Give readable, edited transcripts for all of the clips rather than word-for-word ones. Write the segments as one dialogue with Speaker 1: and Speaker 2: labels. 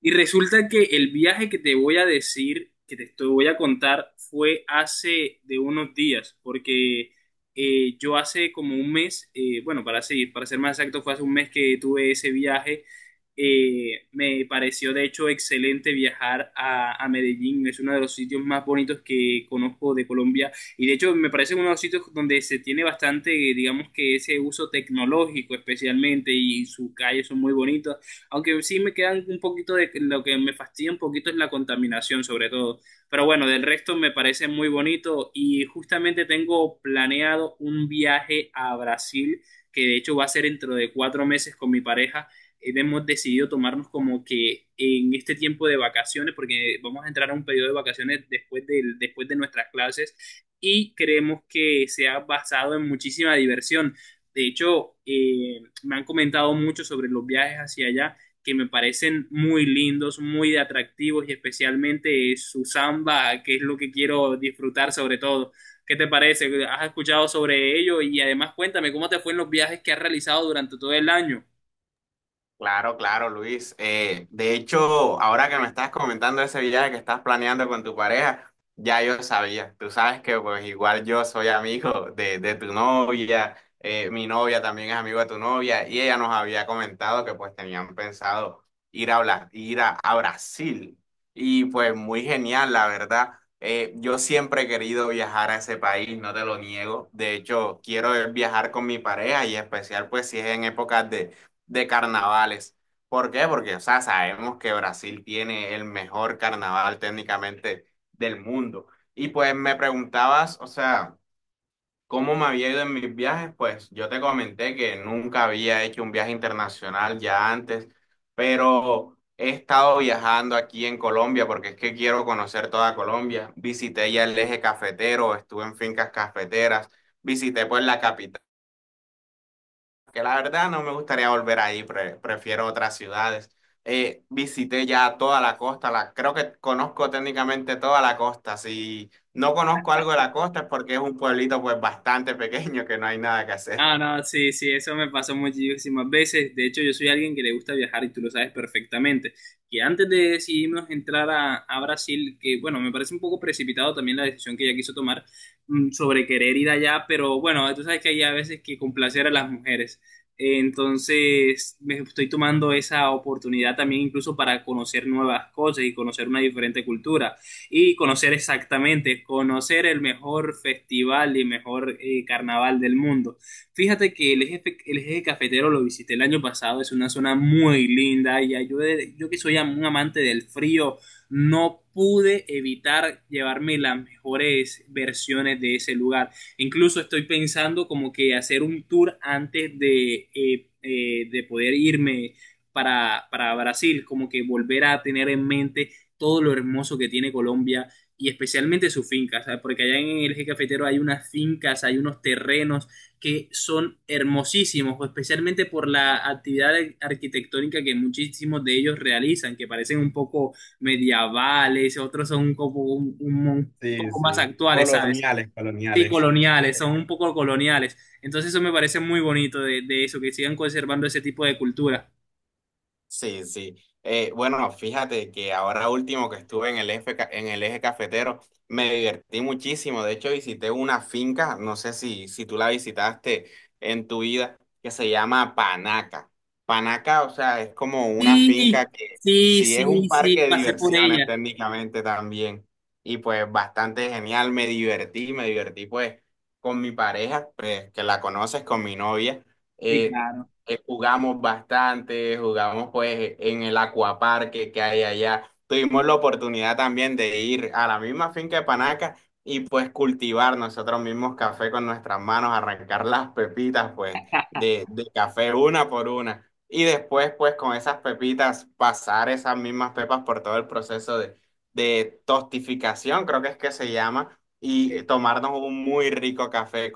Speaker 1: Y resulta que el viaje que te voy a decir, voy a contar, fue hace de unos días, porque yo hace como un mes, bueno, para ser más exacto, fue hace un mes que tuve ese viaje. Me pareció de hecho excelente viajar a Medellín, es uno de los sitios más bonitos que conozco de Colombia y de hecho me parece uno de los sitios donde se tiene bastante, digamos que ese uso tecnológico especialmente y sus calles son muy bonitas. Aunque sí me quedan un poquito de lo que me fastidia un poquito es la contaminación, sobre todo. Pero bueno, del resto me parece muy bonito y justamente tengo planeado un viaje a Brasil, que de hecho va a ser dentro de 4 meses con mi pareja. Hemos decidido tomarnos como que en este tiempo de vacaciones, porque vamos a entrar a un periodo de vacaciones después de nuestras clases y creemos que se ha basado en muchísima diversión. De hecho, me han comentado mucho sobre los viajes hacia allá que me parecen muy lindos, muy atractivos y especialmente su samba, que es lo que quiero disfrutar sobre todo. ¿Qué te parece? ¿Has escuchado sobre ello? Y además cuéntame cómo te fue en los viajes que has realizado durante todo el año.
Speaker 2: Claro, claro, Luis. De hecho, ahora que me estás comentando ese viaje que estás planeando con tu pareja, ya yo sabía. Tú sabes que pues igual yo soy amigo de tu novia, mi novia también es amigo de tu novia y ella nos había comentado que pues tenían pensado ir a Brasil. Y pues muy genial, la verdad. Yo siempre he querido viajar a ese país, no te lo niego. De hecho, quiero viajar con mi pareja y en especial pues si es en épocas de carnavales. ¿Por qué? Porque, o sea, sabemos que Brasil tiene el mejor carnaval técnicamente del mundo. Y pues me preguntabas, o sea, ¿cómo me había ido en mis viajes? Pues yo te comenté que nunca había hecho un viaje internacional ya antes, pero he estado viajando aquí en Colombia porque es que quiero conocer toda Colombia. Visité ya el eje cafetero, estuve en fincas cafeteras, visité pues la capital, que la verdad no me gustaría volver ahí, prefiero otras ciudades. Visité ya toda la costa, creo que conozco técnicamente toda la costa. Si no conozco algo de la costa es porque es un pueblito pues bastante pequeño que no hay nada que hacer.
Speaker 1: Ah, no, sí, sí, eso me pasa muchísimas veces. De hecho, yo soy alguien que le gusta viajar y tú lo sabes perfectamente. Que antes de decidirnos entrar a Brasil, que bueno, me parece un poco precipitado también la decisión que ella quiso tomar sobre querer ir allá, pero bueno, tú sabes que hay a veces que complacer a las mujeres. Entonces, me estoy tomando esa oportunidad también incluso para conocer nuevas cosas y conocer una diferente cultura y conocer exactamente, conocer el mejor festival y mejor carnaval del mundo. Fíjate que el eje cafetero lo visité el año pasado, es una zona muy linda y yo que soy un amante del frío, no pude evitar llevarme las mejores versiones de ese lugar. Incluso estoy pensando como que hacer un tour antes de poder irme para Brasil, como que volver a tener en mente todo lo hermoso que tiene Colombia y especialmente sus fincas, ¿sabes? Porque allá en el eje cafetero hay unas fincas, hay unos terrenos que son hermosísimos, especialmente por la actividad arquitectónica que muchísimos de ellos realizan, que parecen un poco medievales, otros son como un
Speaker 2: Sí,
Speaker 1: poco más
Speaker 2: sí.
Speaker 1: actuales, ¿sabes?
Speaker 2: Coloniales,
Speaker 1: Sí,
Speaker 2: coloniales.
Speaker 1: coloniales, son un poco coloniales. Entonces eso me parece muy bonito de, eso, que sigan conservando ese tipo de cultura.
Speaker 2: Sí, sí. Bueno, fíjate que ahora último que estuve en el eje cafetero, me divertí muchísimo. De hecho, visité una finca, no sé si tú la visitaste en tu vida, que se llama Panaca. Panaca, o sea, es como una finca
Speaker 1: Sí,
Speaker 2: que
Speaker 1: sí,
Speaker 2: sí es un
Speaker 1: sí, sí,
Speaker 2: parque de
Speaker 1: pasé por
Speaker 2: diversiones
Speaker 1: ella.
Speaker 2: técnicamente también. Y pues bastante genial, me divertí pues con mi pareja, pues que la conoces, con mi novia.
Speaker 1: Sí,
Speaker 2: Eh,
Speaker 1: claro.
Speaker 2: jugamos bastante, jugamos pues en el acuaparque que hay allá. Tuvimos la oportunidad también de ir a la misma finca de Panaca y pues cultivar nosotros mismos café con nuestras manos, arrancar las pepitas pues de café una por una. Y después pues con esas pepitas pasar esas mismas pepas por todo el proceso de tostificación, creo que es que se llama, y tomarnos un muy rico café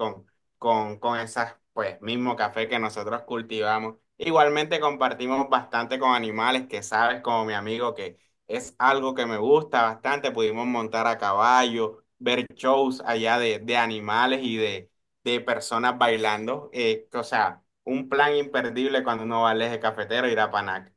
Speaker 2: con esas, pues, mismo café que nosotros cultivamos. Igualmente compartimos bastante con animales, que sabes, como mi amigo, que es algo que me gusta bastante. Pudimos montar a caballo, ver shows allá de animales y de personas bailando. O sea, un plan imperdible cuando uno va al eje cafetero ir a Panac.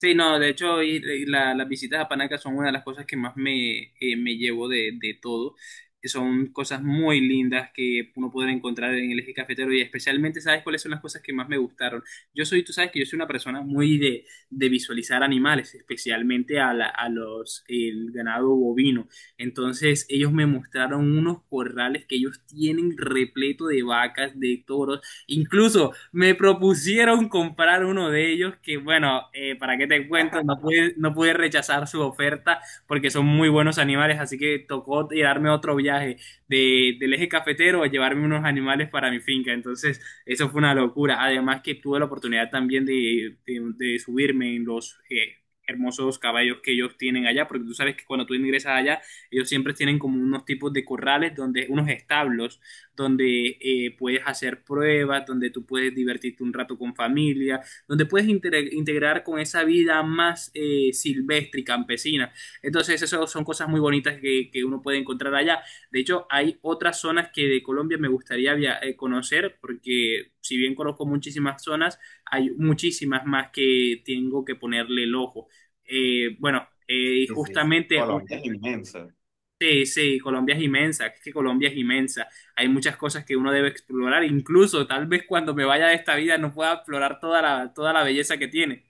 Speaker 1: Sí, no, de hecho, las visitas a Panaca son una de las cosas que más me llevo de todo. Que Son cosas muy lindas que uno podrá encontrar en el eje cafetero y especialmente, ¿sabes cuáles son las cosas que más me gustaron? Yo soy, tú sabes que yo soy una persona muy de visualizar animales, especialmente a, la- a los, el ganado bovino. Entonces, ellos me mostraron unos corrales que ellos tienen repleto de vacas, de toros. Incluso me propusieron comprar uno de ellos que, bueno, para qué te cuento, no pude rechazar su oferta porque son muy buenos animales, así que tocó darme otro viaje del eje cafetero a llevarme unos animales para mi finca. Entonces, eso fue una locura. Además que tuve la oportunidad también de, de subirme en los hermosos caballos que ellos tienen allá, porque tú sabes que cuando tú ingresas allá, ellos siempre tienen como unos tipos de corrales donde unos establos donde puedes hacer pruebas, donde tú puedes divertirte un rato con familia, donde puedes integrar con esa vida más silvestre y campesina. Entonces, eso son cosas muy bonitas que uno puede encontrar allá. De hecho, hay otras zonas que de Colombia me gustaría via conocer, porque si bien conozco muchísimas zonas, hay muchísimas más que tengo que ponerle el ojo. Eh, bueno, eh, y
Speaker 2: Sí, sí.
Speaker 1: justamente una.
Speaker 2: Colombia es inmenso.
Speaker 1: Sí, sí, Colombia es inmensa, es que Colombia es inmensa. Hay muchas cosas que uno debe explorar, incluso tal vez cuando me vaya de esta vida no pueda explorar toda la belleza que tiene.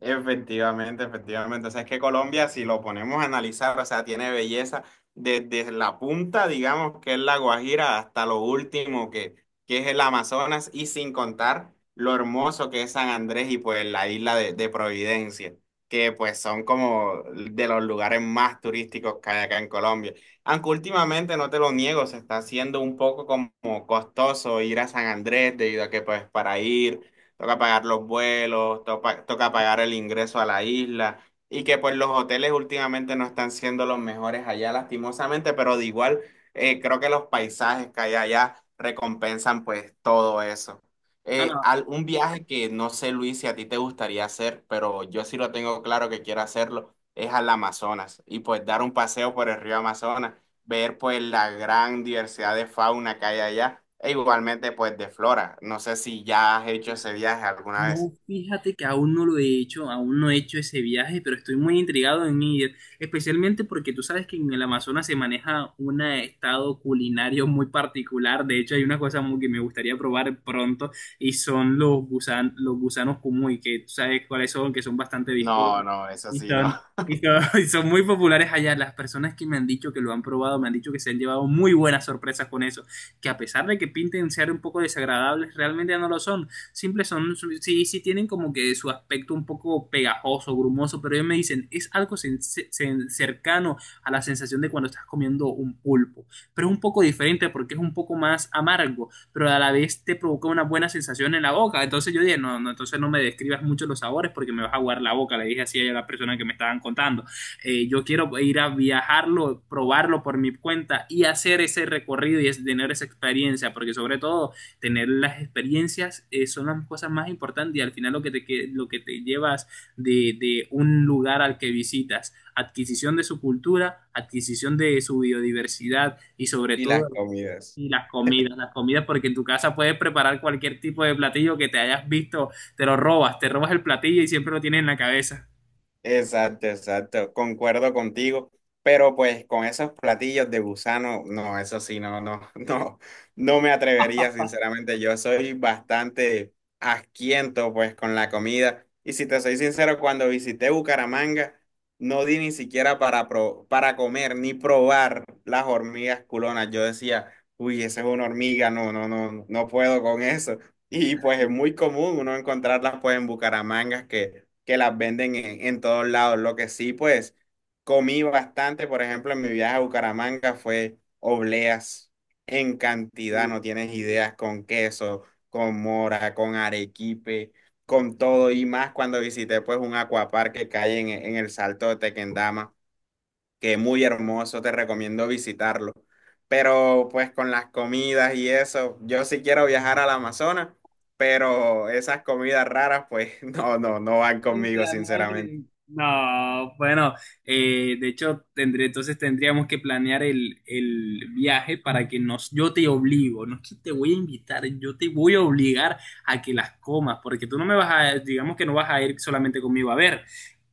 Speaker 2: Efectivamente, efectivamente. O sea, es que Colombia, si lo ponemos a analizar, o sea, tiene belleza desde la punta, digamos, que es la Guajira, hasta lo último, que es el Amazonas, y sin contar lo hermoso que es San Andrés y pues la isla de Providencia, que pues son como de los lugares más turísticos que hay acá en Colombia. Aunque últimamente, no te lo niego, se está haciendo un poco como costoso ir a San Andrés, debido a que pues para ir toca pagar los vuelos, toca pagar el ingreso a la isla y que pues los hoteles últimamente no están siendo los mejores allá lastimosamente, pero de igual, creo que los paisajes que hay allá recompensan pues todo eso.
Speaker 1: No,
Speaker 2: Eh,
Speaker 1: no,
Speaker 2: al- un viaje que no sé, Luis, si a ti te gustaría hacer, pero yo sí lo tengo claro que quiero hacerlo, es al Amazonas y pues dar un paseo por el río Amazonas, ver pues la gran diversidad de fauna que hay allá e igualmente pues de flora. No sé si ya has hecho ese viaje alguna vez.
Speaker 1: no, fíjate que aún no lo he hecho, aún no he hecho ese viaje, pero estoy muy intrigado en ir, especialmente porque tú sabes que en el Amazonas se maneja un estado culinario muy particular. De hecho, hay una cosa muy que me gustaría probar pronto y son los gusanos cuy, que tú sabes cuáles son, que son bastante
Speaker 2: No,
Speaker 1: viscosos
Speaker 2: no, eso
Speaker 1: y
Speaker 2: sí, no.
Speaker 1: son, y son, y son muy populares allá. Las personas que me han dicho que lo han probado me han dicho que se han llevado muy buenas sorpresas con eso, que a pesar de que pinten ser un poco desagradables, realmente no lo son. Simples son, sí, sí tienen como que su aspecto un poco pegajoso, grumoso, pero ellos me dicen, es algo cercano a la sensación de cuando estás comiendo un pulpo, pero es un poco diferente porque es un poco más amargo, pero a la vez te provoca una buena sensación en la boca. Entonces yo dije, no, no, entonces no me describas mucho los sabores porque me vas a aguar la boca, le dije así a la persona que me estaban contando. Yo quiero ir a viajarlo, probarlo por mi cuenta y hacer ese recorrido y tener esa experiencia, porque sobre todo tener las experiencias son las cosas más importantes y al final lo que te, lo que te llevas de, un lugar al que visitas, adquisición de su cultura, adquisición de su biodiversidad y sobre
Speaker 2: Y
Speaker 1: todo
Speaker 2: las comidas.
Speaker 1: y las comidas porque en tu casa puedes preparar cualquier tipo de platillo que te hayas visto, te lo robas, te robas el platillo y siempre lo tienes en la cabeza.
Speaker 2: Exacto, exacto, concuerdo contigo, pero pues con esos platillos de gusano, no, eso sí, no, no, no, no me atrevería, sinceramente. Yo soy bastante asquiento pues con la comida y si te soy sincero, cuando visité Bucaramanga, no di ni siquiera para comer ni probar las hormigas culonas, yo decía, uy, esa es una hormiga, no, no, no, no puedo con eso. Y pues es muy común uno encontrarlas pues en Bucaramanga que las venden en todos lados. Lo que sí pues comí bastante, por ejemplo, en mi viaje a Bucaramanga fue obleas en cantidad, no tienes ideas, con queso, con mora, con arequipe, con todo y más cuando visité pues un acuapark que cae en el Salto de Tequendama, que es muy hermoso, te recomiendo visitarlo. Pero pues con las comidas y eso, yo sí quiero viajar al Amazonas, pero esas comidas raras pues no, no, no van conmigo,
Speaker 1: Entra, no entra
Speaker 2: sinceramente.
Speaker 1: en- No, bueno, de hecho, entonces tendríamos que planear el viaje para que nos, yo te obligo, no es que te voy a invitar, yo te voy a obligar a que las comas, porque tú no me vas a, digamos que no vas a ir solamente conmigo a ver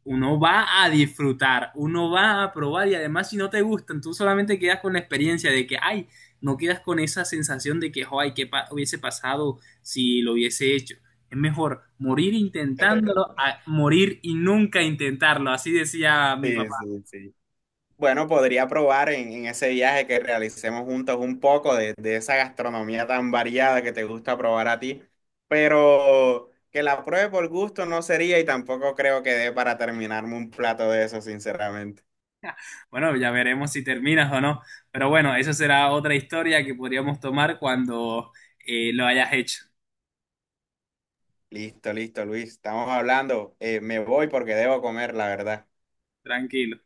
Speaker 1: uno va a disfrutar, uno va a probar y además si no te gustan, tú solamente quedas con la experiencia de que, ay, no quedas con esa sensación de que, ay, ¿qué hubiese pasado si lo hubiese hecho? Es mejor morir intentándolo a morir y nunca intentarlo, así decía mi
Speaker 2: Sí,
Speaker 1: papá.
Speaker 2: sí, sí. Bueno, podría probar en ese viaje que realicemos juntos un poco de esa gastronomía tan variada que te gusta probar a ti, pero que la pruebe por gusto no sería y tampoco creo que dé para terminarme un plato de eso, sinceramente.
Speaker 1: Bueno, ya veremos si terminas o no, pero bueno, eso será otra historia que podríamos tomar cuando lo hayas hecho.
Speaker 2: Listo, listo, Luis. Estamos hablando. Me voy porque debo comer, la verdad.
Speaker 1: Tranquilo.